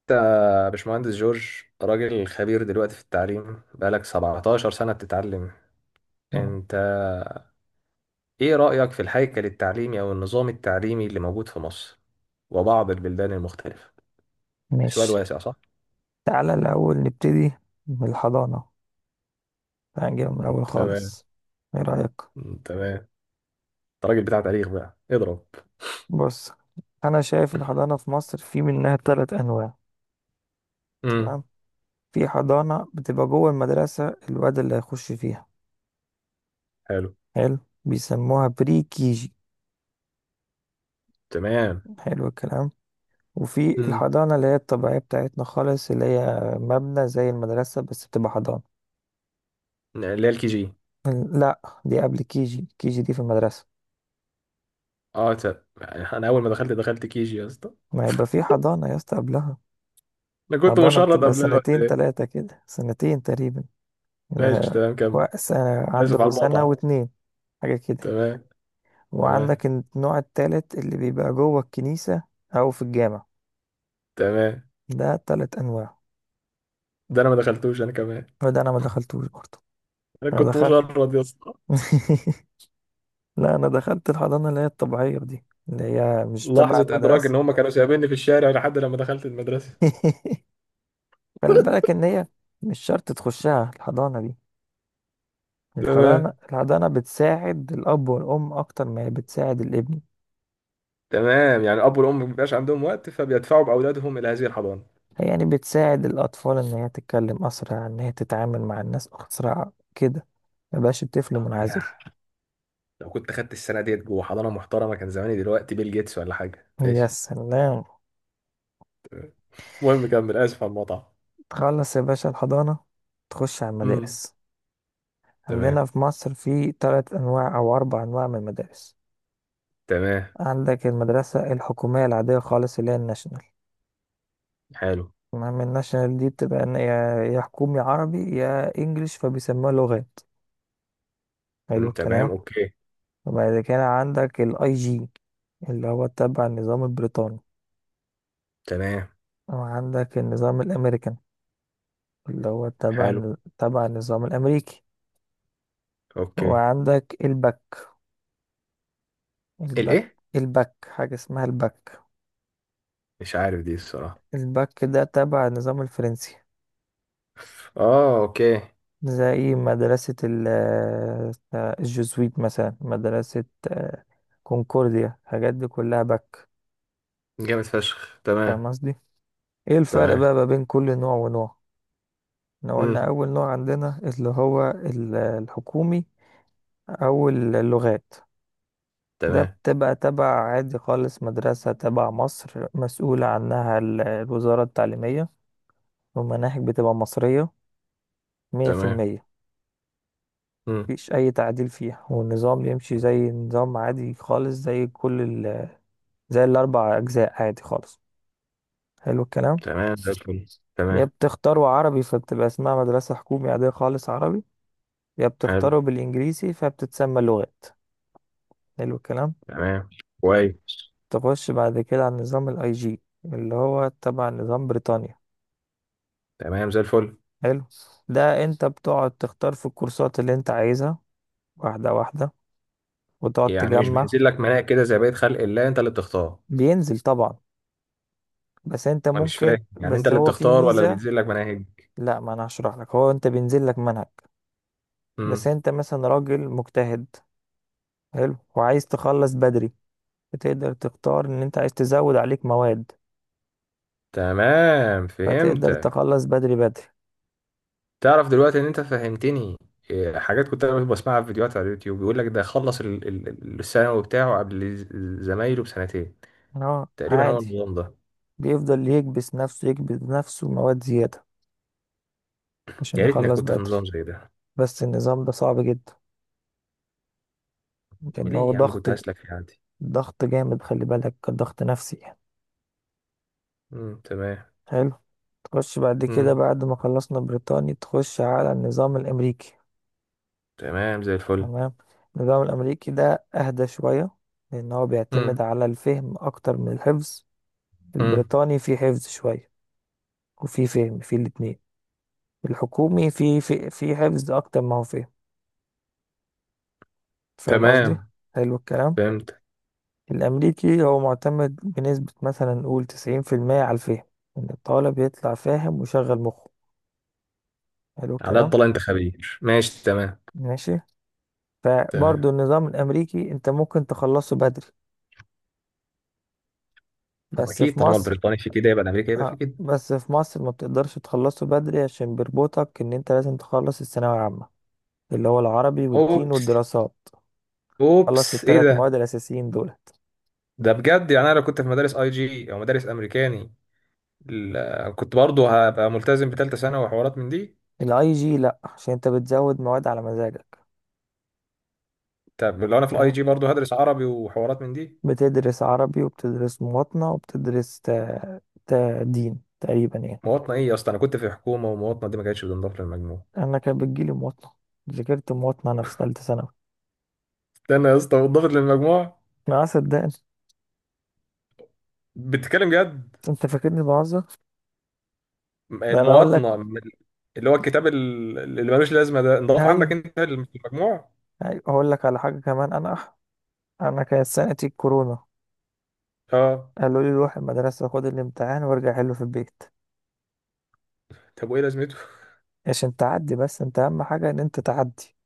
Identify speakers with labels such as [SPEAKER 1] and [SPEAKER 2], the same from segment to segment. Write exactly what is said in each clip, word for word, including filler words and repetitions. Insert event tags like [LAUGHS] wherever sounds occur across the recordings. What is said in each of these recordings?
[SPEAKER 1] انت باشمهندس جورج، راجل خبير دلوقتي في التعليم، بقالك 17 سنة بتتعلم.
[SPEAKER 2] مم.
[SPEAKER 1] انت ايه رأيك في الهيكل التعليمي او النظام التعليمي اللي موجود في مصر وبعض البلدان المختلفة؟ سؤال
[SPEAKER 2] ماشي.
[SPEAKER 1] واسع صح؟
[SPEAKER 2] تعالى الأول نبتدي من الحضانة، هنجي من الأول
[SPEAKER 1] تمام.
[SPEAKER 2] خالص. إيه رأيك؟
[SPEAKER 1] تمام، انت راجل بتاع تاريخ بقى اضرب.
[SPEAKER 2] بص، أنا شايف الحضانة في مصر في منها تلات أنواع.
[SPEAKER 1] امم
[SPEAKER 2] تمام. في حضانة بتبقى جوه المدرسة الواد اللي هيخش فيها،
[SPEAKER 1] حلو.
[SPEAKER 2] حلو، بيسموها بري كيجي.
[SPEAKER 1] تمام.
[SPEAKER 2] حلو الكلام. وفي
[SPEAKER 1] امم
[SPEAKER 2] الحضانة اللي هي الطبيعية بتاعتنا خالص، اللي هي مبنى زي المدرسة بس بتبقى حضانة.
[SPEAKER 1] اللي هي الكي جي.
[SPEAKER 2] لا دي قبل كيجي، كيجي دي في المدرسة.
[SPEAKER 1] اه ت- انا اول ما دخلت، دخلت كي جي يا اسطى.
[SPEAKER 2] ما يبقى في حضانة يا اسطى قبلها.
[SPEAKER 1] انا كنت
[SPEAKER 2] حضانة
[SPEAKER 1] مشرد
[SPEAKER 2] بتبقى
[SPEAKER 1] قبلها ولا
[SPEAKER 2] سنتين
[SPEAKER 1] ايه؟
[SPEAKER 2] تلاتة كده، سنتين تقريبا.
[SPEAKER 1] ماشي
[SPEAKER 2] يبقى
[SPEAKER 1] تمام، كمل.
[SPEAKER 2] وق- سنة،
[SPEAKER 1] اسف
[SPEAKER 2] عنده
[SPEAKER 1] على
[SPEAKER 2] سنة
[SPEAKER 1] المقاطعة.
[SPEAKER 2] واتنين، حاجة كده يعني.
[SPEAKER 1] تمام. تمام.
[SPEAKER 2] وعندك النوع التالت اللي بيبقى جوه الكنيسة أو في الجامع.
[SPEAKER 1] تمام،
[SPEAKER 2] ده تلات أنواع.
[SPEAKER 1] ده انا ما دخلتوش انا كمان.
[SPEAKER 2] وده أنا ما دخلتوش برضه.
[SPEAKER 1] انا
[SPEAKER 2] أنا
[SPEAKER 1] كنت
[SPEAKER 2] دخلت
[SPEAKER 1] مشرد يا اسطى.
[SPEAKER 2] [LAUGHS] لا انا دخلت الحضانه اللي هي الطبيعيه دي اللي هي مش تبع
[SPEAKER 1] لحظه ادراك ان
[SPEAKER 2] المدرسه.
[SPEAKER 1] هم كانوا سايبيني في الشارع لحد لما دخلت المدرسه.
[SPEAKER 2] [LAUGHS] خلي بالك ان هي مش شرط تخشها الحضانه دي. الحضانه
[SPEAKER 1] تمام.
[SPEAKER 2] الحضانه بتساعد الاب والام اكتر ما هي بتساعد الابن.
[SPEAKER 1] تمام، يعني الاب والام ما بيبقاش عندهم وقت فبيدفعوا باولادهم الى هذه الحضانه.
[SPEAKER 2] هي يعني بتساعد الاطفال ان هي تتكلم اسرع، ان هي تتعامل مع الناس اسرع كده، مبقاش الطفل
[SPEAKER 1] آه،
[SPEAKER 2] منعزل.
[SPEAKER 1] يا لو كنت خدت السنه ديت جوه حضانه محترمه، كان زماني دلوقتي بيل جيتس ولا حاجه.
[SPEAKER 2] يا
[SPEAKER 1] ماشي.
[SPEAKER 2] سلام.
[SPEAKER 1] تمام. المهم كمل، اسف على المقطع.
[SPEAKER 2] تخلص يا باشا الحضانه، تخش على
[SPEAKER 1] امم
[SPEAKER 2] المدارس. عندنا
[SPEAKER 1] تمام.
[SPEAKER 2] في مصر في تلات انواع او اربع انواع من المدارس.
[SPEAKER 1] تمام.
[SPEAKER 2] عندك المدرسة الحكومية العادية خالص اللي هي الناشونال.
[SPEAKER 1] حلو.
[SPEAKER 2] المهم الناشونال دي بتبقى إن يا يا حكومي عربي يا انجليش، فبيسموها لغات. حلو
[SPEAKER 1] مم.
[SPEAKER 2] الكلام.
[SPEAKER 1] تمام. اوكي.
[SPEAKER 2] وبعد كده عندك الاي جي، اللي هو تبع النظام البريطاني.
[SPEAKER 1] تمام.
[SPEAKER 2] وعندك النظام الامريكان، اللي هو
[SPEAKER 1] حلو.
[SPEAKER 2] تبع تبع النظام الامريكي.
[SPEAKER 1] اوكي.
[SPEAKER 2] وعندك الباك، الباك
[SPEAKER 1] الايه؟
[SPEAKER 2] الباك حاجة اسمها الباك.
[SPEAKER 1] مش عارف دي الصراحه.
[SPEAKER 2] الباك ده تبع النظام الفرنسي.
[SPEAKER 1] اه اوكي.
[SPEAKER 2] زي إيه؟ مدرسة ال- آه، الجزويت مثلا مدرسة، آه، كونكورديا، الحاجات دي كلها باك.
[SPEAKER 1] جامد فشخ.
[SPEAKER 2] فاهم
[SPEAKER 1] تمام.
[SPEAKER 2] قصدي. ايه الفرق
[SPEAKER 1] تمام.
[SPEAKER 2] بقى ما بين كل نوع ونوع. احنا قلنا
[SPEAKER 1] مم.
[SPEAKER 2] اول نوع عندنا اللي هو ال- الحكومي او اللغات. ده
[SPEAKER 1] تمام.
[SPEAKER 2] بتبقى تبع عادي خالص، مدرسة تبع مصر، مسؤولة عنها ال- الوزارة التعليمية. والمناهج بتبقى مصرية مية في
[SPEAKER 1] تمام.
[SPEAKER 2] المية
[SPEAKER 1] مم.
[SPEAKER 2] مفيش أي تعديل فيها، والنظام يمشي زي نظام عادي خالص، زي كل، زي الأربع أجزاء عادي خالص. حلو الكلام.
[SPEAKER 1] تمام زي الفل. تمام.
[SPEAKER 2] يا بتختاروا عربي فبتبقى اسمها مدرسة حكومي عادية خالص عربي، يا
[SPEAKER 1] حلو.
[SPEAKER 2] بتختاروا بالإنجليزي فبتتسمى لغات. حلو الكلام.
[SPEAKER 1] تمام. كويس.
[SPEAKER 2] تخش بعد كده على نظام الاي جي اللي هو تبع نظام بريطانيا.
[SPEAKER 1] تمام زي الفل.
[SPEAKER 2] حلو. ده انت بتقعد تختار في الكورسات اللي انت عايزها، واحدة واحدة، وتقعد
[SPEAKER 1] يعني مش
[SPEAKER 2] تجمع.
[SPEAKER 1] بينزل لك مناهج كده زي بقية خلق الله، انت اللي بتختار؟
[SPEAKER 2] بينزل طبعا. بس انت
[SPEAKER 1] انا مش
[SPEAKER 2] ممكن
[SPEAKER 1] فاهم، يعني انت
[SPEAKER 2] بس
[SPEAKER 1] اللي
[SPEAKER 2] هو في
[SPEAKER 1] بتختار ولا اللي
[SPEAKER 2] ميزة.
[SPEAKER 1] بينزل لك مناهج؟
[SPEAKER 2] لا، ما انا هشرح لك. هو انت بينزل لك منهج، بس
[SPEAKER 1] مم.
[SPEAKER 2] انت مثلا راجل مجتهد، حلو، وعايز تخلص بدري، فتقدر تختار ان انت عايز تزود عليك مواد،
[SPEAKER 1] تمام،
[SPEAKER 2] فتقدر
[SPEAKER 1] فهمتك.
[SPEAKER 2] تخلص بدري بدري.
[SPEAKER 1] تعرف دلوقتي ان انت فهمتني. إيه، حاجات كنت انا بسمعها في فيديوهات على اليوتيوب، بيقول لك ده خلص ال- ال- ال- الثانوي بتاعه قبل ز- زمايله بسنتين
[SPEAKER 2] اه
[SPEAKER 1] تقريبا. هو
[SPEAKER 2] عادي.
[SPEAKER 1] النظام ده.
[SPEAKER 2] بيفضل يكبس نفسه يكبس نفسه مواد زيادة عشان
[SPEAKER 1] يا ريتني
[SPEAKER 2] يخلص
[SPEAKER 1] كنت في
[SPEAKER 2] بدري.
[SPEAKER 1] نظام زي ده.
[SPEAKER 2] بس النظام ده صعب جدا، لان
[SPEAKER 1] ليه
[SPEAKER 2] هو
[SPEAKER 1] يا عم،
[SPEAKER 2] ضغط،
[SPEAKER 1] كنت هسلك في عندي.
[SPEAKER 2] ضغط جامد. خلي بالك ضغط نفسي يعني.
[SPEAKER 1] مم. تمام.
[SPEAKER 2] حلو. تخش بعد كده،
[SPEAKER 1] مم.
[SPEAKER 2] بعد ما خلصنا بريطاني، تخش على النظام الامريكي.
[SPEAKER 1] تمام زي الفل.
[SPEAKER 2] تمام. النظام الامريكي ده اهدى شوية، لان هو
[SPEAKER 1] امم
[SPEAKER 2] بيعتمد على الفهم اكتر من الحفظ.
[SPEAKER 1] امم
[SPEAKER 2] البريطاني فيه حفظ شوية وفيه فهم، فيه الاتنين. الحكومي فيه فيه, فيه حفظ أكتر ما هو فهم. فاهم قصدي؟
[SPEAKER 1] تمام.
[SPEAKER 2] حلو الكلام.
[SPEAKER 1] فهمت.
[SPEAKER 2] الأمريكي هو معتمد بنسبة مثلا نقول تسعين في المية على الفهم، إن الطالب يطلع فاهم وشغل مخه. حلو
[SPEAKER 1] على
[SPEAKER 2] الكلام.
[SPEAKER 1] الطلاق انت خبير. ماشي تمام.
[SPEAKER 2] ماشي.
[SPEAKER 1] تمام.
[SPEAKER 2] فبرضه النظام الأمريكي أنت ممكن تخلصه بدري،
[SPEAKER 1] طب
[SPEAKER 2] بس
[SPEAKER 1] اكيد
[SPEAKER 2] في
[SPEAKER 1] طالما
[SPEAKER 2] مصر.
[SPEAKER 1] البريطاني في كده يبقى الامريكي يبقى في
[SPEAKER 2] آه
[SPEAKER 1] كده.
[SPEAKER 2] بس في مصر ما بتقدرش تخلصه بدري عشان بيربطك إن أنت لازم تخلص الثانوية العامة، اللي هو العربي والدين
[SPEAKER 1] اوبس.
[SPEAKER 2] والدراسات. خلص
[SPEAKER 1] اوبس، ايه
[SPEAKER 2] الثلاث مواد
[SPEAKER 1] ده؟
[SPEAKER 2] الأساسيين دولت.
[SPEAKER 1] ده بجد، يعني انا لو كنت في مدارس اي جي او مدارس امريكاني، ال- كنت برضه هبقى ملتزم بثالثه ثانوي وحوارات من دي.
[SPEAKER 2] الاي جي لأ، عشان انت بتزود مواد على مزاجك.
[SPEAKER 1] طب لو انا في الاي
[SPEAKER 2] فاهم؟
[SPEAKER 1] جي برضه هدرس عربي وحوارات من دي؟
[SPEAKER 2] بتدرس عربي وبتدرس مواطنة وبتدرس تا... تا دين تقريبا يعني.
[SPEAKER 1] مواطنه ايه يا اسطى؟ انا كنت في حكومه ومواطنه دي ما كانتش بتنضاف للمجموع.
[SPEAKER 2] أنا كان بتجيلي مواطنة. ذاكرت مواطنة أنا في تالتة ثانوي.
[SPEAKER 1] استنى يا اسطى، بتنضاف للمجموع؟
[SPEAKER 2] ما صدقني.
[SPEAKER 1] بتتكلم جد؟
[SPEAKER 2] أنت فاكرني بهزر؟ ده أنا أقول
[SPEAKER 1] المواطنة؟
[SPEAKER 2] لك.
[SPEAKER 1] من اللي هو الكتاب ال- اللي ملوش لازمة ده انضاف عندك
[SPEAKER 2] هاي،
[SPEAKER 1] انت للم- في المجموع؟
[SPEAKER 2] هاي أقول لك على حاجة كمان. أنا أنا كانت سنتي الكورونا،
[SPEAKER 1] اه.
[SPEAKER 2] قالوا لي روح المدرسة خد الامتحان وارجع حله في البيت،
[SPEAKER 1] طب وايه لازمته؟
[SPEAKER 2] عشان تعدي بس. أنت أهم حاجة إن أنت تعدي.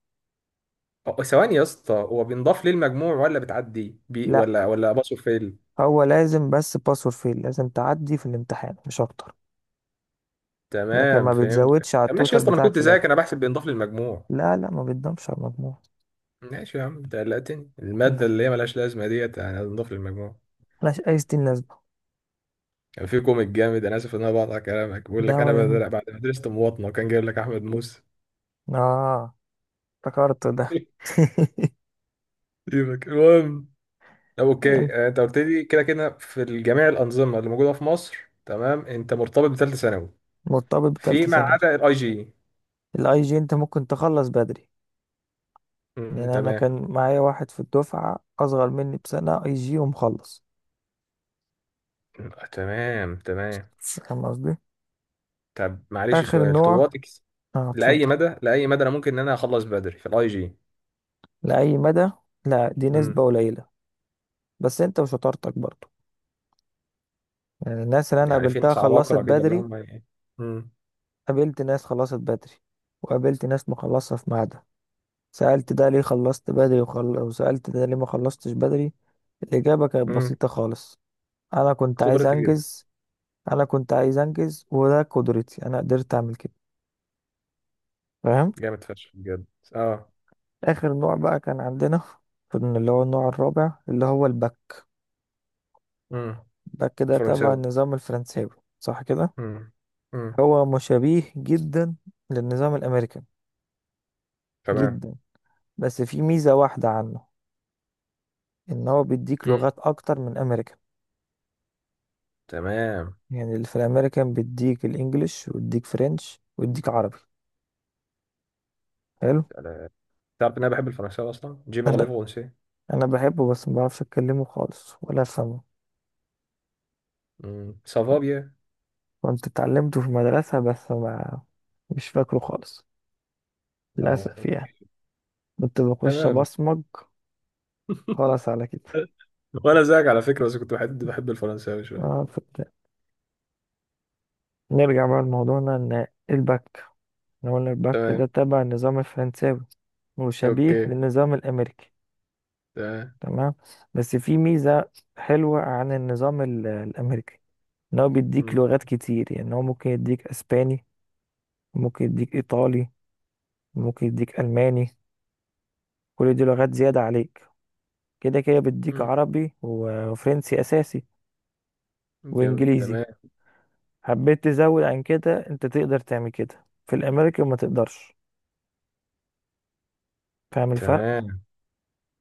[SPEAKER 1] أه، ثواني يا اسطى، هو بينضاف ليه المجموع ولا بتعدي بي
[SPEAKER 2] لا،
[SPEAKER 1] ولا ولا باصه فيل؟
[SPEAKER 2] هو لازم بس باس اور فيل، لازم تعدي في الامتحان مش اكتر. لكن
[SPEAKER 1] تمام
[SPEAKER 2] ما بتزودش
[SPEAKER 1] فهمتك.
[SPEAKER 2] على
[SPEAKER 1] طب ماشي يا
[SPEAKER 2] التوتال
[SPEAKER 1] اسطى، ما انا
[SPEAKER 2] بتاعك
[SPEAKER 1] كنت
[SPEAKER 2] في
[SPEAKER 1] زيك،
[SPEAKER 2] الاخر.
[SPEAKER 1] انا بحسب بينضاف للمجموع.
[SPEAKER 2] لا لا، ما بتضمش على المجموع.
[SPEAKER 1] ماشي يا عم، انت قلقتني.
[SPEAKER 2] لا،
[SPEAKER 1] المادة اللي هي ملهاش لازمة ديت يعني هتنضاف للمجموع؟
[SPEAKER 2] ملهاش اي ستين لازمه.
[SPEAKER 1] كان في كوميك جامد، انا اسف ان انا بقطع كلامك، بيقول
[SPEAKER 2] ده
[SPEAKER 1] لك انا
[SPEAKER 2] ولا يهمك.
[SPEAKER 1] بدل- بعد ما درست مواطنة كان جايب لك احمد موسى.
[SPEAKER 2] اه، افتكرت ده.
[SPEAKER 1] [LAUGHS] سيبك، المهم.
[SPEAKER 2] [LAUGHS]
[SPEAKER 1] اوكي.
[SPEAKER 2] أنت
[SPEAKER 1] آه، انت قلت لي كده كده في جميع الانظمه اللي موجوده في مصر. تمام، انت مرتبط بثالثه ثانوي
[SPEAKER 2] مرتبط
[SPEAKER 1] في
[SPEAKER 2] بتالتة
[SPEAKER 1] ما
[SPEAKER 2] ثانوي.
[SPEAKER 1] عدا الاي جي.
[SPEAKER 2] الاي جي انت ممكن تخلص بدري، لان
[SPEAKER 1] أمم،
[SPEAKER 2] انا
[SPEAKER 1] تمام.
[SPEAKER 2] كان معايا واحد في الدفعه اصغر مني بسنه اي جي ومخلص.
[SPEAKER 1] تمام. تمام.
[SPEAKER 2] فاهم قصدي.
[SPEAKER 1] طب معلش
[SPEAKER 2] اخر
[SPEAKER 1] سؤال
[SPEAKER 2] نوع.
[SPEAKER 1] طواتك.
[SPEAKER 2] اه
[SPEAKER 1] لاي
[SPEAKER 2] اتفضل.
[SPEAKER 1] مدى، لاي مدى انا ممكن ان انا اخلص بدري في الاي جي؟
[SPEAKER 2] لاي مدى. لا دي
[SPEAKER 1] أمم،
[SPEAKER 2] نسبه قليله، بس انت وشطارتك برضه. يعني الناس اللي انا
[SPEAKER 1] يعني في
[SPEAKER 2] قابلتها
[SPEAKER 1] ناس
[SPEAKER 2] خلصت
[SPEAKER 1] عباقره كده اللي
[SPEAKER 2] بدري.
[SPEAKER 1] هم ايه. أمم،
[SPEAKER 2] قابلت ناس خلصت بدري، وقابلت ناس مخلصة في ميعادها. سألت ده ليه خلصت بدري وخل... وسألت ده ليه ما خلصتش بدري. الإجابة كانت
[SPEAKER 1] أمم،
[SPEAKER 2] بسيطة خالص: أنا كنت عايز
[SPEAKER 1] قدرتي جدا.
[SPEAKER 2] أنجز. أنا كنت عايز أنجز وده قدرتي، أنا قدرت أعمل كده. فاهم.
[SPEAKER 1] جامد فشخ بجد. اه.
[SPEAKER 2] آخر نوع بقى كان عندنا، كان اللي هو النوع الرابع اللي هو الباك.
[SPEAKER 1] أمم،
[SPEAKER 2] الباك ده تبع
[SPEAKER 1] فرنساوي.
[SPEAKER 2] النظام الفرنساوي، صح كده.
[SPEAKER 1] أمم، أمم،
[SPEAKER 2] هو مشابه جدا للنظام الأمريكي
[SPEAKER 1] تمام.
[SPEAKER 2] جدا، بس في ميزة واحدة عنه، ان هو بيديك
[SPEAKER 1] أمم،
[SPEAKER 2] لغات اكتر من امريكان.
[SPEAKER 1] تمام.
[SPEAKER 2] يعني اللي في الامريكان بيديك الانجليش ويديك فرنش ويديك عربي. حلو.
[SPEAKER 1] تعرف ان انا بحب الفرنساوي اصلا، جي بارلي
[SPEAKER 2] انا
[SPEAKER 1] فرنسي.
[SPEAKER 2] انا بحبه بس ما بعرفش اتكلمه خالص ولا افهمه.
[SPEAKER 1] مم. سافابيا.
[SPEAKER 2] كنت اتعلمته في المدرسة بس ما مش فاكره خالص،
[SPEAKER 1] اه
[SPEAKER 2] للاسف يعني.
[SPEAKER 1] اوكي.
[SPEAKER 2] كنت بخش
[SPEAKER 1] تمام.
[SPEAKER 2] ابصمج. خلاص على كده.
[SPEAKER 1] وانا زيك على فكره، بس كنت بحب بحب الفرنساوي
[SPEAKER 2] اه
[SPEAKER 1] شويه.
[SPEAKER 2] فت... نرجع بقى لموضوعنا ان البك. إحنا قلنا البك ده
[SPEAKER 1] تمام.
[SPEAKER 2] تبع النظام الفرنساوي وشبيه
[SPEAKER 1] اوكي.
[SPEAKER 2] للنظام الامريكي.
[SPEAKER 1] تمام.
[SPEAKER 2] تمام. بس في ميزة حلوة عن النظام ال- الامريكي، ان هو بيديك
[SPEAKER 1] مم.
[SPEAKER 2] لغات كتير. يعني هو ممكن يديك اسباني، ممكن يديك ايطالي، ممكن يديك الماني. كل دي لغات زيادة عليك. كده كده بيديك
[SPEAKER 1] مم.
[SPEAKER 2] عربي و- وفرنسي اساسي
[SPEAKER 1] جامد.
[SPEAKER 2] وانجليزي.
[SPEAKER 1] تمام.
[SPEAKER 2] حبيت تزود عن كده انت تقدر تعمل كده، في الامريكان ما تقدرش. فاهم الفرق.
[SPEAKER 1] تمام.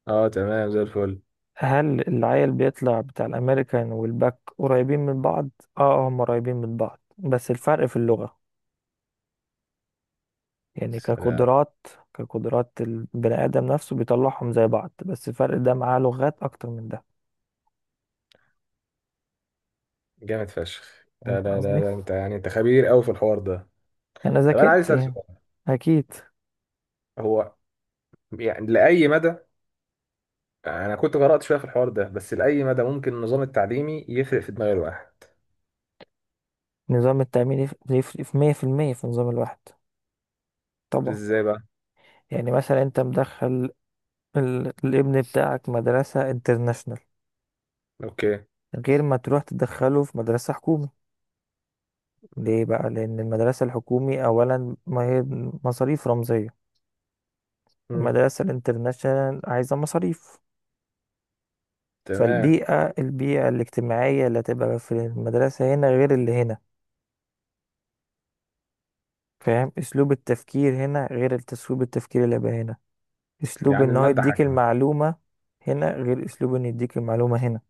[SPEAKER 1] اه تمام زي الفل.
[SPEAKER 2] هل العيل بيطلع بتاع الامريكان والباك قريبين من بعض؟ اه هم قريبين من بعض بس الفرق في اللغة. يعني
[SPEAKER 1] سلام.
[SPEAKER 2] كقدرات، كقدرات البني آدم نفسه بيطلعهم زي بعض، بس الفرق ده معاه لغات أكتر من ده.
[SPEAKER 1] جامد فشخ. لا
[SPEAKER 2] فهمت
[SPEAKER 1] لا لا
[SPEAKER 2] قصدي؟
[SPEAKER 1] لا انت يعني انت خبير قوي في الحوار ده.
[SPEAKER 2] أنا
[SPEAKER 1] طب انا عايز
[SPEAKER 2] ذاكرت
[SPEAKER 1] اسال
[SPEAKER 2] يعني.
[SPEAKER 1] سؤال.
[SPEAKER 2] أكيد.
[SPEAKER 1] هو يعني لاي مدى، انا كنت قرات شويه في الحوار ده، بس لاي مدى ممكن النظام التعليمي يفرق في دماغ الواحد؟
[SPEAKER 2] نظام التأمين يف- يفرق في مية في المية في نظام الواحد، طبعا.
[SPEAKER 1] ازاي بقى؟
[SPEAKER 2] يعني مثلا أنت مدخل ال- الابن بتاعك مدرسة انترناشونال،
[SPEAKER 1] اوكي.
[SPEAKER 2] غير ما تروح تدخله في مدرسة حكومي. ليه بقى؟ لأن المدرسة الحكومي أولا ما هي مصاريف رمزية،
[SPEAKER 1] مم.
[SPEAKER 2] المدرسة الانترناشونال عايزة مصاريف.
[SPEAKER 1] تمام.
[SPEAKER 2] فالبيئة، البيئة الاجتماعية اللي هتبقى في المدرسة هنا غير اللي هنا. فاهم أسلوب التفكير هنا غير أسلوب التفكير اللي بقى هنا. أسلوب
[SPEAKER 1] يعني
[SPEAKER 2] إن هو
[SPEAKER 1] الماده
[SPEAKER 2] يديك
[SPEAKER 1] حاكمه.
[SPEAKER 2] المعلومة هنا غير أسلوب إن يديك المعلومة هنا.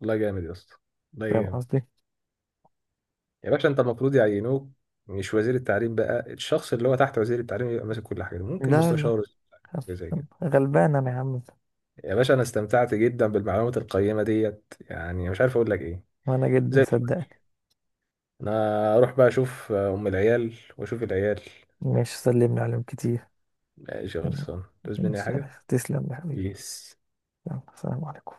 [SPEAKER 1] والله جامد يا اسطى. والله
[SPEAKER 2] فاهم
[SPEAKER 1] جامد.
[SPEAKER 2] قصدي؟
[SPEAKER 1] يا باشا انت المفروض يعينوك، مش وزير التعليم بقى، الشخص اللي هو تحت وزير التعليم يبقى ماسك كل حاجه دي. ممكن
[SPEAKER 2] لا لا،
[SPEAKER 1] مستشار وزير التعليم، حاجه زي كده.
[SPEAKER 2] غلبان أنا يا عم.
[SPEAKER 1] يا باشا انا استمتعت جدا بالمعلومات القيمه ديت، يعني مش عارف اقول لك ايه.
[SPEAKER 2] وأنا جدا
[SPEAKER 1] زي الفل.
[SPEAKER 2] صدقني.
[SPEAKER 1] انا اروح بقى اشوف ام العيال واشوف العيال.
[SPEAKER 2] مش سلمني عليهم كتير.
[SPEAKER 1] ماشي، خلصان، تعوز مني أي
[SPEAKER 2] مش
[SPEAKER 1] حاجه؟
[SPEAKER 2] عارف تسلم يا حبيبي.
[SPEAKER 1] بيس.
[SPEAKER 2] يلا، السلام عليكم.